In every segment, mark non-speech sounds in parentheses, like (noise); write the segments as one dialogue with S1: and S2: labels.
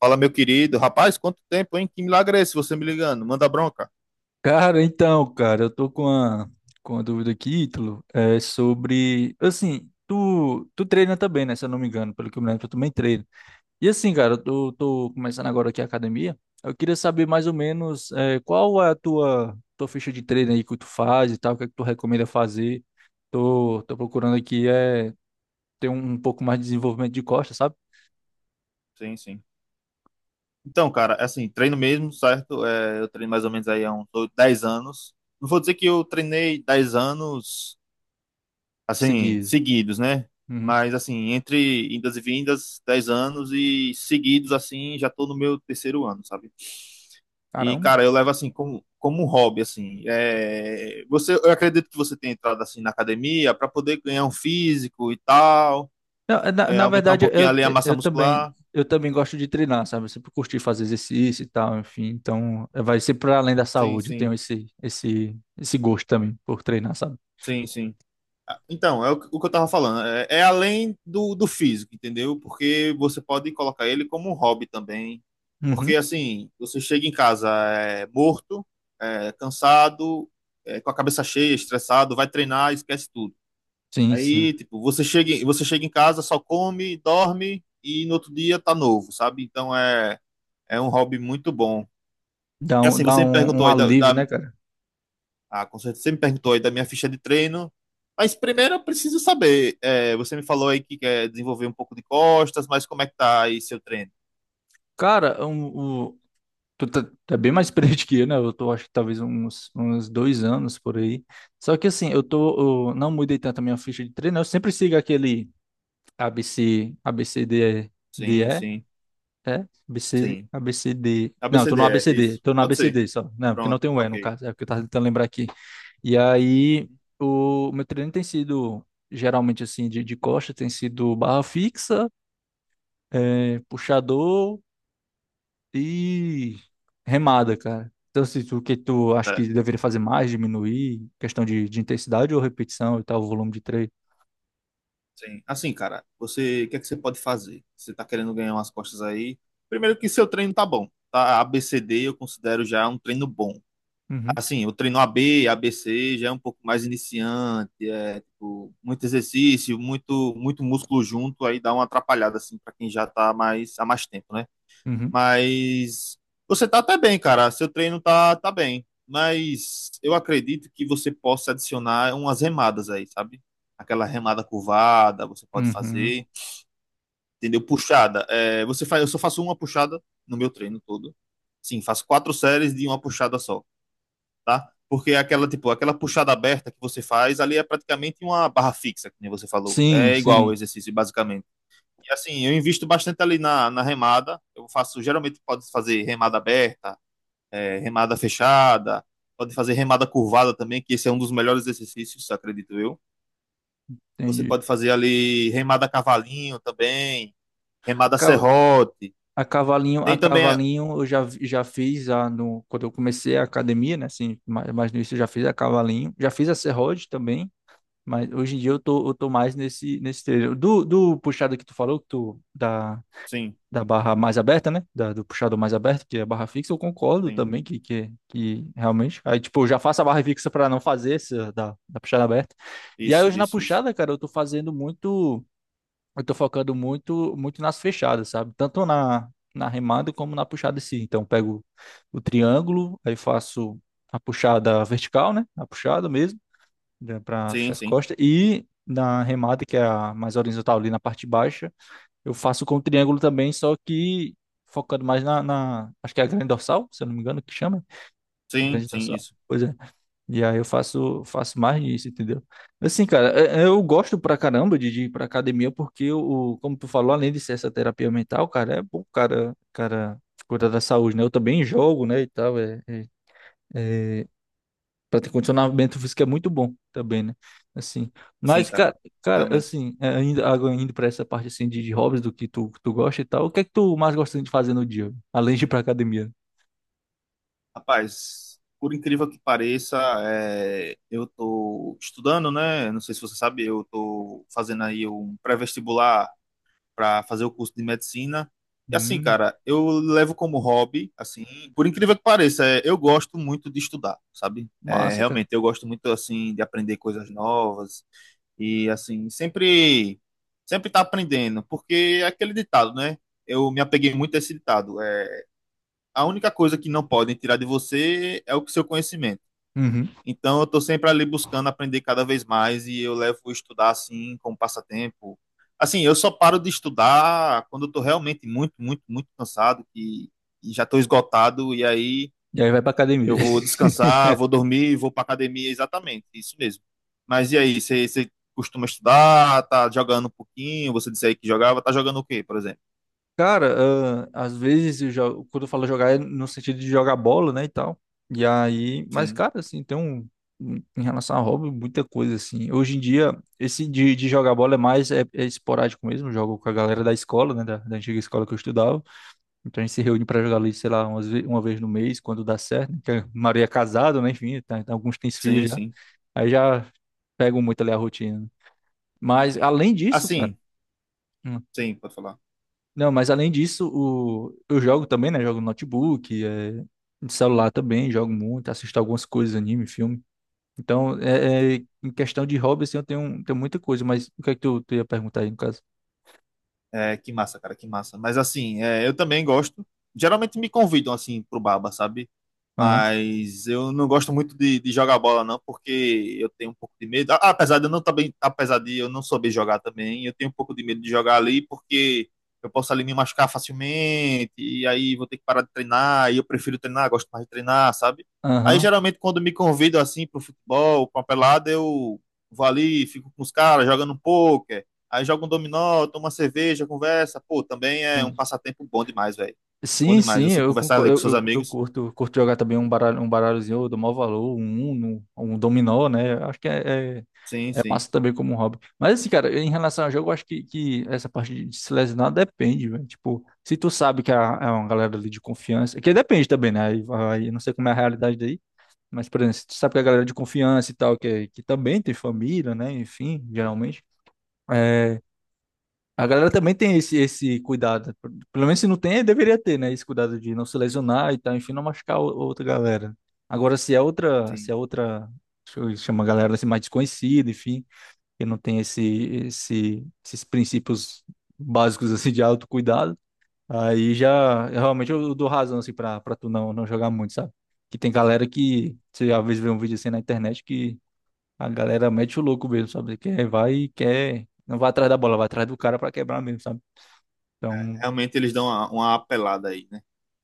S1: Fala, meu querido. Rapaz, quanto tempo, hein? Que milagre é esse você me ligando? Manda bronca.
S2: Cara, então, cara, eu tô com a dúvida aqui, Ítalo, é sobre, assim, tu treina também, né, se eu não me engano, pelo que eu me lembro, tu também treina. E assim, cara, eu tô começando agora aqui a academia, eu queria saber mais ou menos é, qual é a tua ficha de treino aí que tu faz e tal, o que é que tu recomenda fazer. Tô procurando aqui é ter um pouco mais de desenvolvimento de costas, sabe?
S1: Sim, sim. Então, cara, assim, treino mesmo, certo? É, eu treino mais ou menos aí há uns oito, 10 anos. Não vou dizer que eu treinei 10 anos, assim,
S2: Seguir.
S1: seguidos, né?
S2: Uhum.
S1: Mas, assim, entre indas e vindas, 10 anos e seguidos, assim, já tô no meu terceiro ano, sabe? E,
S2: Caramba.
S1: cara, eu levo assim como, como um hobby, assim. É, você, eu acredito que você tenha entrado assim na academia para poder ganhar um físico e tal.
S2: Não, na,
S1: É,
S2: na
S1: aumentar um
S2: verdade,
S1: pouquinho ali a massa
S2: eu também
S1: muscular.
S2: eu também gosto de treinar, sabe? Eu sempre curti fazer exercício e tal, enfim. Então, vai ser para além da
S1: Sim,
S2: saúde. Eu tenho
S1: sim,
S2: esse gosto também por treinar, sabe?
S1: sim, sim. Ah, então, é o que eu tava falando. É além do físico, entendeu? Porque você pode colocar ele como um hobby também. Porque,
S2: Uhum.
S1: assim, você chega em casa morto, cansado, com a cabeça cheia, estressado, vai treinar, esquece tudo.
S2: Sim,
S1: Aí,
S2: sim.
S1: tipo, você chega em casa, só come, dorme e no outro dia tá novo, sabe? Então é, é um hobby muito bom.
S2: Dá
S1: E
S2: um,
S1: assim,
S2: dá
S1: você me
S2: um,
S1: perguntou
S2: um
S1: aí
S2: alívio, né, cara?
S1: Ah, com certeza. Você me perguntou aí da minha ficha de treino. Mas primeiro eu preciso saber. É, você me falou aí que quer desenvolver um pouco de costas, mas como é que tá aí seu treino?
S2: Cara, um, o, tu tá, tá bem mais (laughs) experiente que eu, né? Acho que talvez uns 2 anos por aí. Só que assim, eu não mudei tanto a minha ficha de treino. Eu sempre sigo aquele a b b c A B c d e
S1: Sim,
S2: É?
S1: sim, sim.
S2: ABC, D. Não, eu tô no A B C
S1: ABCDE,
S2: D.
S1: isso.
S2: tô no A
S1: Pode
S2: B C
S1: ser.
S2: D, só. Não, porque não
S1: Pronto,
S2: tem o E no
S1: ok.
S2: caso, é o que eu tava tentando lembrar aqui. E aí,
S1: Uhum.
S2: o meu treino tem sido, geralmente assim, de costa, tem sido barra fixa, é, puxador e remada, cara. Então, se tu, o que tu acha
S1: Tá,
S2: que deveria fazer mais, diminuir, questão de intensidade ou repetição e tal, o volume de treino?
S1: sim. Assim, cara, o que é que você pode fazer? Você tá querendo ganhar umas costas aí? Primeiro que seu treino tá bom, tá? ABCD eu considero já um treino bom.
S2: Uhum,
S1: Assim, o treino A B A B C já é um pouco mais iniciante, é tipo, muito exercício, muito muito músculo junto, aí dá uma atrapalhada assim para quem já tá mais há mais tempo, né?
S2: uhum,
S1: Mas você tá até bem, cara. Seu treino tá bem, mas eu acredito que você possa adicionar umas remadas aí, sabe? Aquela remada curvada, você pode fazer,
S2: uhum.
S1: entendeu? Puxada. É, você faz, eu só faço uma puxada no meu treino todo. Sim, faço quatro séries de uma puxada só, tá? Porque é aquela, tipo, aquela puxada aberta que você faz ali é praticamente uma barra fixa, que nem você falou.
S2: Sim,
S1: É igual o
S2: sim,
S1: exercício, basicamente. E assim, eu invisto bastante ali na remada. Eu faço, geralmente pode fazer remada aberta, remada fechada, pode fazer remada curvada também, que esse é um dos melhores exercícios, acredito eu. Você
S2: entendi.
S1: pode fazer ali remada cavalinho também, remada
S2: Acaba,
S1: serrote.
S2: A cavalinho, a
S1: Tem também.
S2: cavalinho eu já fiz a, no, quando eu comecei a academia, né? Assim, mais no início eu já fiz a cavalinho. Já fiz a serrote também, mas hoje em dia eu tô mais nesse treino. Do puxado que tu falou,
S1: Sim,
S2: da barra mais aberta, né? Do puxado mais aberto, que é a barra fixa, eu concordo
S1: sim.
S2: também que, que realmente. Aí, tipo, eu já faço a barra fixa para não fazer essa da puxada aberta. E aí
S1: Isso,
S2: hoje na
S1: isso, isso.
S2: puxada, cara, eu tô focando muito nas fechadas, sabe? Tanto na remada como na puxada em si. Então, eu pego o triângulo, aí faço a puxada vertical, né? A puxada mesmo, para
S1: Sim,
S2: fechar as
S1: sim.
S2: costas. E na remada, que é a mais horizontal ali na parte baixa, eu faço com o triângulo também, só que focando mais acho que é a grande dorsal, se eu não me engano, que chama.
S1: Sim,
S2: Grande
S1: sim,
S2: dorsal.
S1: isso.
S2: Pois é. E aí eu faço mais disso, entendeu? Assim, cara, eu gosto pra caramba de ir pra academia, porque como tu falou, além de ser essa terapia mental, cara, é bom, o cara, cara, cuidar da saúde, né? Eu também jogo, né, e tal, pra ter condicionamento físico é muito bom também, né? Assim,
S1: Sim,
S2: mas,
S1: cara.
S2: cara, cara,
S1: Realmente.
S2: assim, ainda, agora indo pra essa parte, assim, de hobbies, do que tu gosta e tal, o que é que tu mais gosta de fazer no dia, além de ir pra academia?
S1: Rapaz, por incrível que pareça, é, eu tô estudando, né? Não sei se você sabe, eu tô fazendo aí um pré-vestibular para fazer o curso de medicina. E assim,
S2: Hum,
S1: cara, eu levo como hobby, assim, por incrível que pareça, é, eu gosto muito de estudar, sabe? É,
S2: massa, cara.
S1: realmente, eu gosto muito, assim, de aprender coisas novas e, assim, sempre tá aprendendo, porque é aquele ditado, né? Eu me apeguei muito a esse ditado. A única coisa que não podem tirar de você é o seu conhecimento.
S2: Uhum.
S1: Então, eu estou sempre ali buscando aprender cada vez mais e eu levo estudar assim como passatempo. Assim, eu só paro de estudar quando eu estou realmente muito, muito, muito cansado e já estou esgotado. E aí
S2: E aí vai pra academia.
S1: eu vou descansar, vou dormir, vou para academia, exatamente, isso mesmo. Mas e aí, você costuma estudar, tá jogando um pouquinho? Você disse aí que jogava, tá jogando o quê, por exemplo?
S2: Cara, ah, às vezes eu jogo, quando eu falo jogar é no sentido de jogar bola, né, e tal. E aí, mas
S1: Sim,
S2: cara, assim, tem um, em relação a hobby, muita coisa assim. Hoje em dia, esse de jogar bola é mais é esporádico mesmo, jogo com a galera da escola, né, da antiga escola que eu estudava. Então a gente se reúne pra jogar ali, sei lá, uma vez no mês, quando dá certo, né, que a maioria é casada, né, enfim, tá, então alguns têm filhos
S1: sim,
S2: já.
S1: sim.
S2: Aí já pegam muito ali a rotina, né. Mas além disso, cara,
S1: Assim, sim, pode falar.
S2: Não, mas além disso, eu jogo também, né? Jogo no notebook, no celular também, jogo muito, assisto algumas coisas, anime, filme. Então, em questão de hobby, assim, eu tenho muita coisa, mas o que é que tu ia perguntar aí, no caso?
S1: É, que massa, cara, que massa. Mas assim, é, eu também gosto. Geralmente me convidam assim pro baba, sabe?
S2: Aham,
S1: Mas eu não gosto muito de jogar bola, não, porque eu tenho um pouco de medo. A- Apesar de eu não também, apesar de eu não saber jogar também, eu tenho um pouco de medo de jogar ali, porque eu posso ali me machucar facilmente, e aí vou ter que parar de treinar, e eu prefiro treinar, gosto mais de treinar, sabe? Aí
S2: aham.
S1: geralmente quando me convidam assim pro futebol, pra uma pelada, eu vou ali, fico com os caras, jogando um pouco. Aí joga um dominó, toma uma cerveja, conversa. Pô, também é um passatempo bom demais, velho. Bom
S2: Sim,
S1: demais.
S2: sim,
S1: Você
S2: eu
S1: conversar ali
S2: concordo,
S1: com
S2: eu,
S1: seus
S2: eu, eu
S1: amigos.
S2: curto jogar também um baralho, um baralhozinho, eu dou maior valor, um Uno, um dominó, né? Eu acho que é, é,
S1: Sim,
S2: é
S1: sim,
S2: massa também como um hobby. Mas assim, cara, em relação ao jogo, eu acho que essa parte de se lesionar depende, velho. Tipo, se tu sabe que é uma galera ali de confiança, que depende também, né? Aí, eu não sei como é a realidade daí, mas, por exemplo, se tu sabe que é a galera é de confiança e tal, que, é, que também tem família, né? Enfim, geralmente. é, a galera também tem esse cuidado. Pelo menos se não tem, deveria ter, né? Esse cuidado de não se lesionar e tal, enfim, não machucar outra galera. Agora, se é outra, se
S1: sim.
S2: é outra, deixa eu chamar a galera assim, mais desconhecida, enfim, que não tem esses princípios básicos assim de autocuidado, aí já realmente eu dou razão assim para tu não jogar muito, sabe? Que tem galera que você às vezes vê um vídeo assim na internet que a galera mete o louco mesmo, sabe? Que vai e quer não vai atrás da bola, vai atrás do cara pra quebrar mesmo, sabe? Então,
S1: Realmente eles dão uma apelada aí, né?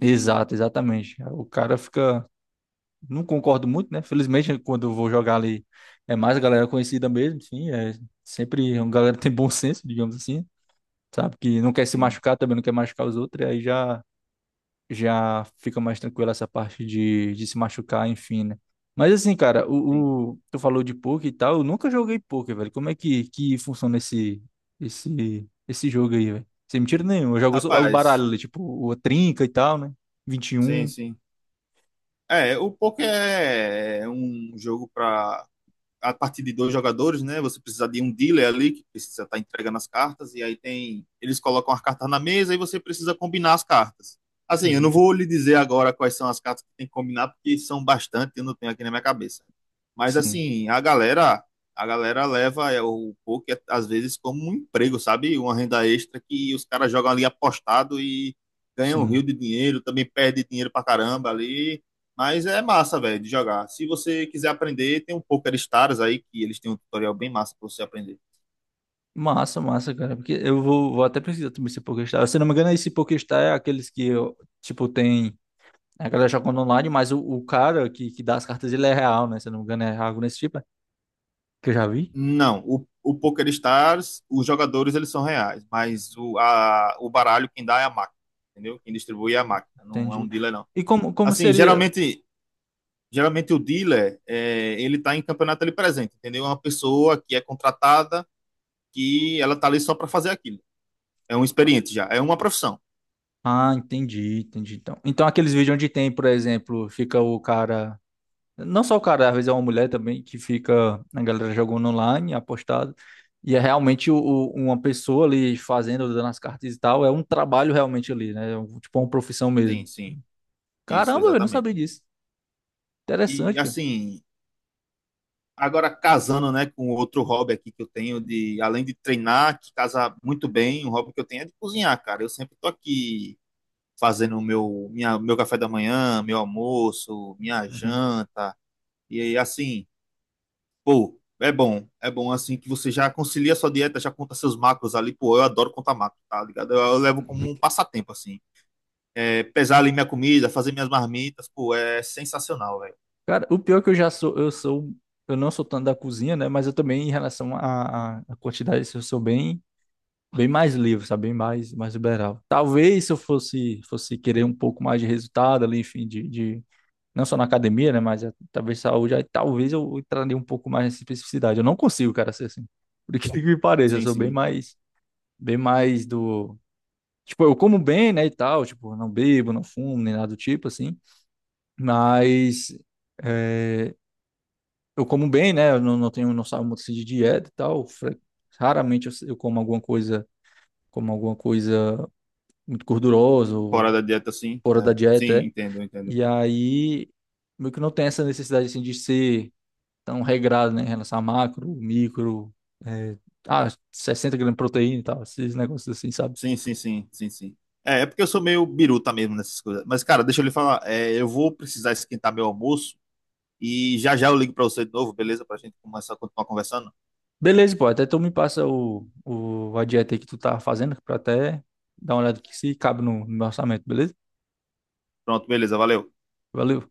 S2: exato, exatamente. O cara fica. Não concordo muito, né? Felizmente, quando eu vou jogar ali, é mais a galera conhecida mesmo, enfim. É sempre uma galera que tem bom senso, digamos assim. Sabe? Que não quer se
S1: Sim,
S2: machucar também, não quer machucar os outros, e aí já fica mais tranquila essa parte de se machucar, enfim, né? Mas assim, cara,
S1: sim.
S2: tu falou de poker e tal, eu nunca joguei poker, velho. Como é que funciona esse jogo aí, velho? Sem mentira nenhuma, eu jogo só o baralho,
S1: Rapaz,
S2: ali, tipo, o trinca e tal, né?
S1: sim,
S2: 21.
S1: sim. É, o poker é um jogo pra a partir de 2 jogadores, né? Você precisa de um dealer ali que precisa estar entregando as cartas e aí tem eles colocam as cartas na mesa e você precisa combinar as cartas. Assim, eu não
S2: Uhum.
S1: vou lhe dizer agora quais são as cartas que tem que combinar porque são bastante, eu não tenho aqui na minha cabeça. Mas
S2: Sim,
S1: assim, a galera leva o poker às vezes como um emprego, sabe? Uma renda extra que os caras jogam ali apostado e ganham um rio
S2: sim.
S1: de dinheiro, também perde dinheiro pra caramba ali, mas é massa, velho, de jogar. Se você quiser aprender, tem um Poker Stars aí, que eles têm um tutorial bem massa pra você aprender.
S2: Massa, massa, cara. Porque eu vou até precisar também esse Pokéstar. Se não me engano, esse Pokéstar é aqueles que, eu, tipo, tem. A galera jogando online, mas o cara que dá as cartas, ele é real, né? Se não me engano, é algo nesse tipo, que eu já vi?
S1: Não, o Poker Stars, os jogadores, eles são reais, mas o baralho quem dá é a máquina, entendeu? Quem distribui é a máquina, não é um
S2: Entendi.
S1: dealer, não.
S2: E como
S1: Assim,
S2: seria?
S1: geralmente o dealer, ele tá em campeonato ali presente, entendeu? É uma pessoa que é contratada, que ela tá ali só para fazer aquilo. É um experiente já, é uma profissão.
S2: Ah, entendi, entendi. Então aqueles vídeos onde tem, por exemplo, fica o cara. Não só o cara, às vezes é uma mulher também, que fica a galera jogando online, apostado. E é realmente uma pessoa ali fazendo, dando as cartas e tal. É um trabalho realmente ali, né? Tipo uma profissão
S1: Sim,
S2: mesmo.
S1: sim, isso,
S2: Caramba, eu não
S1: exatamente.
S2: sabia disso.
S1: E,
S2: Interessante, cara.
S1: assim, agora, casando né, com outro hobby aqui que eu tenho, de além de treinar, que casa muito bem, um hobby que eu tenho é de cozinhar, cara. Eu sempre tô aqui fazendo o meu café da manhã, meu almoço, minha
S2: Uhum.
S1: janta. E aí, assim, pô, é bom. É bom assim que você já concilia a sua dieta, já conta seus macros ali. Pô, eu adoro contar macros, tá ligado? Eu levo como um passatempo, assim. É, pesar ali minha comida, fazer minhas marmitas, pô, é sensacional, velho.
S2: Cara, o pior é que eu já sou, eu não sou tanto da cozinha, né? Mas eu também, em relação à quantidade, eu sou bem mais livre, sabe? Bem mais liberal. Talvez se eu fosse querer um pouco mais de resultado ali, enfim, de não só na academia, né? Mas talvez saúde, aí talvez eu entraria um pouco mais nessa especificidade. Eu não consigo, cara, ser assim. Por que que me pareça, eu
S1: Sim,
S2: sou
S1: sim.
S2: bem mais do. Tipo, eu como bem, né, e tal, tipo, não bebo, não fumo, nem nada do tipo, assim, mas eh, eu como bem, né, eu não, não tenho, não saio muito assim de dieta e tal, raramente eu como alguma coisa muito
S1: Fora
S2: gorduroso,
S1: da dieta, sim.
S2: fora da
S1: É,
S2: dieta,
S1: sim,
S2: é.
S1: entendo, entendo.
S2: E aí, meio que não tem essa necessidade, assim, de ser tão regrado, né, em relação a macro, micro, é, 60 gramas de proteína e tal, esses negócios assim, sabe?
S1: Sim, sim, sim, sim, sim. É, é porque eu sou meio biruta mesmo nessas coisas. Mas, cara, deixa eu lhe falar. É, eu vou precisar esquentar meu almoço e já já eu ligo pra você de novo, beleza? Pra gente começar a continuar conversando.
S2: Beleza, pô, até tu me passa a dieta aí que tu tá fazendo, pra até dar uma olhada aqui se cabe no meu orçamento, beleza?
S1: Pronto, beleza, valeu.
S2: Valeu.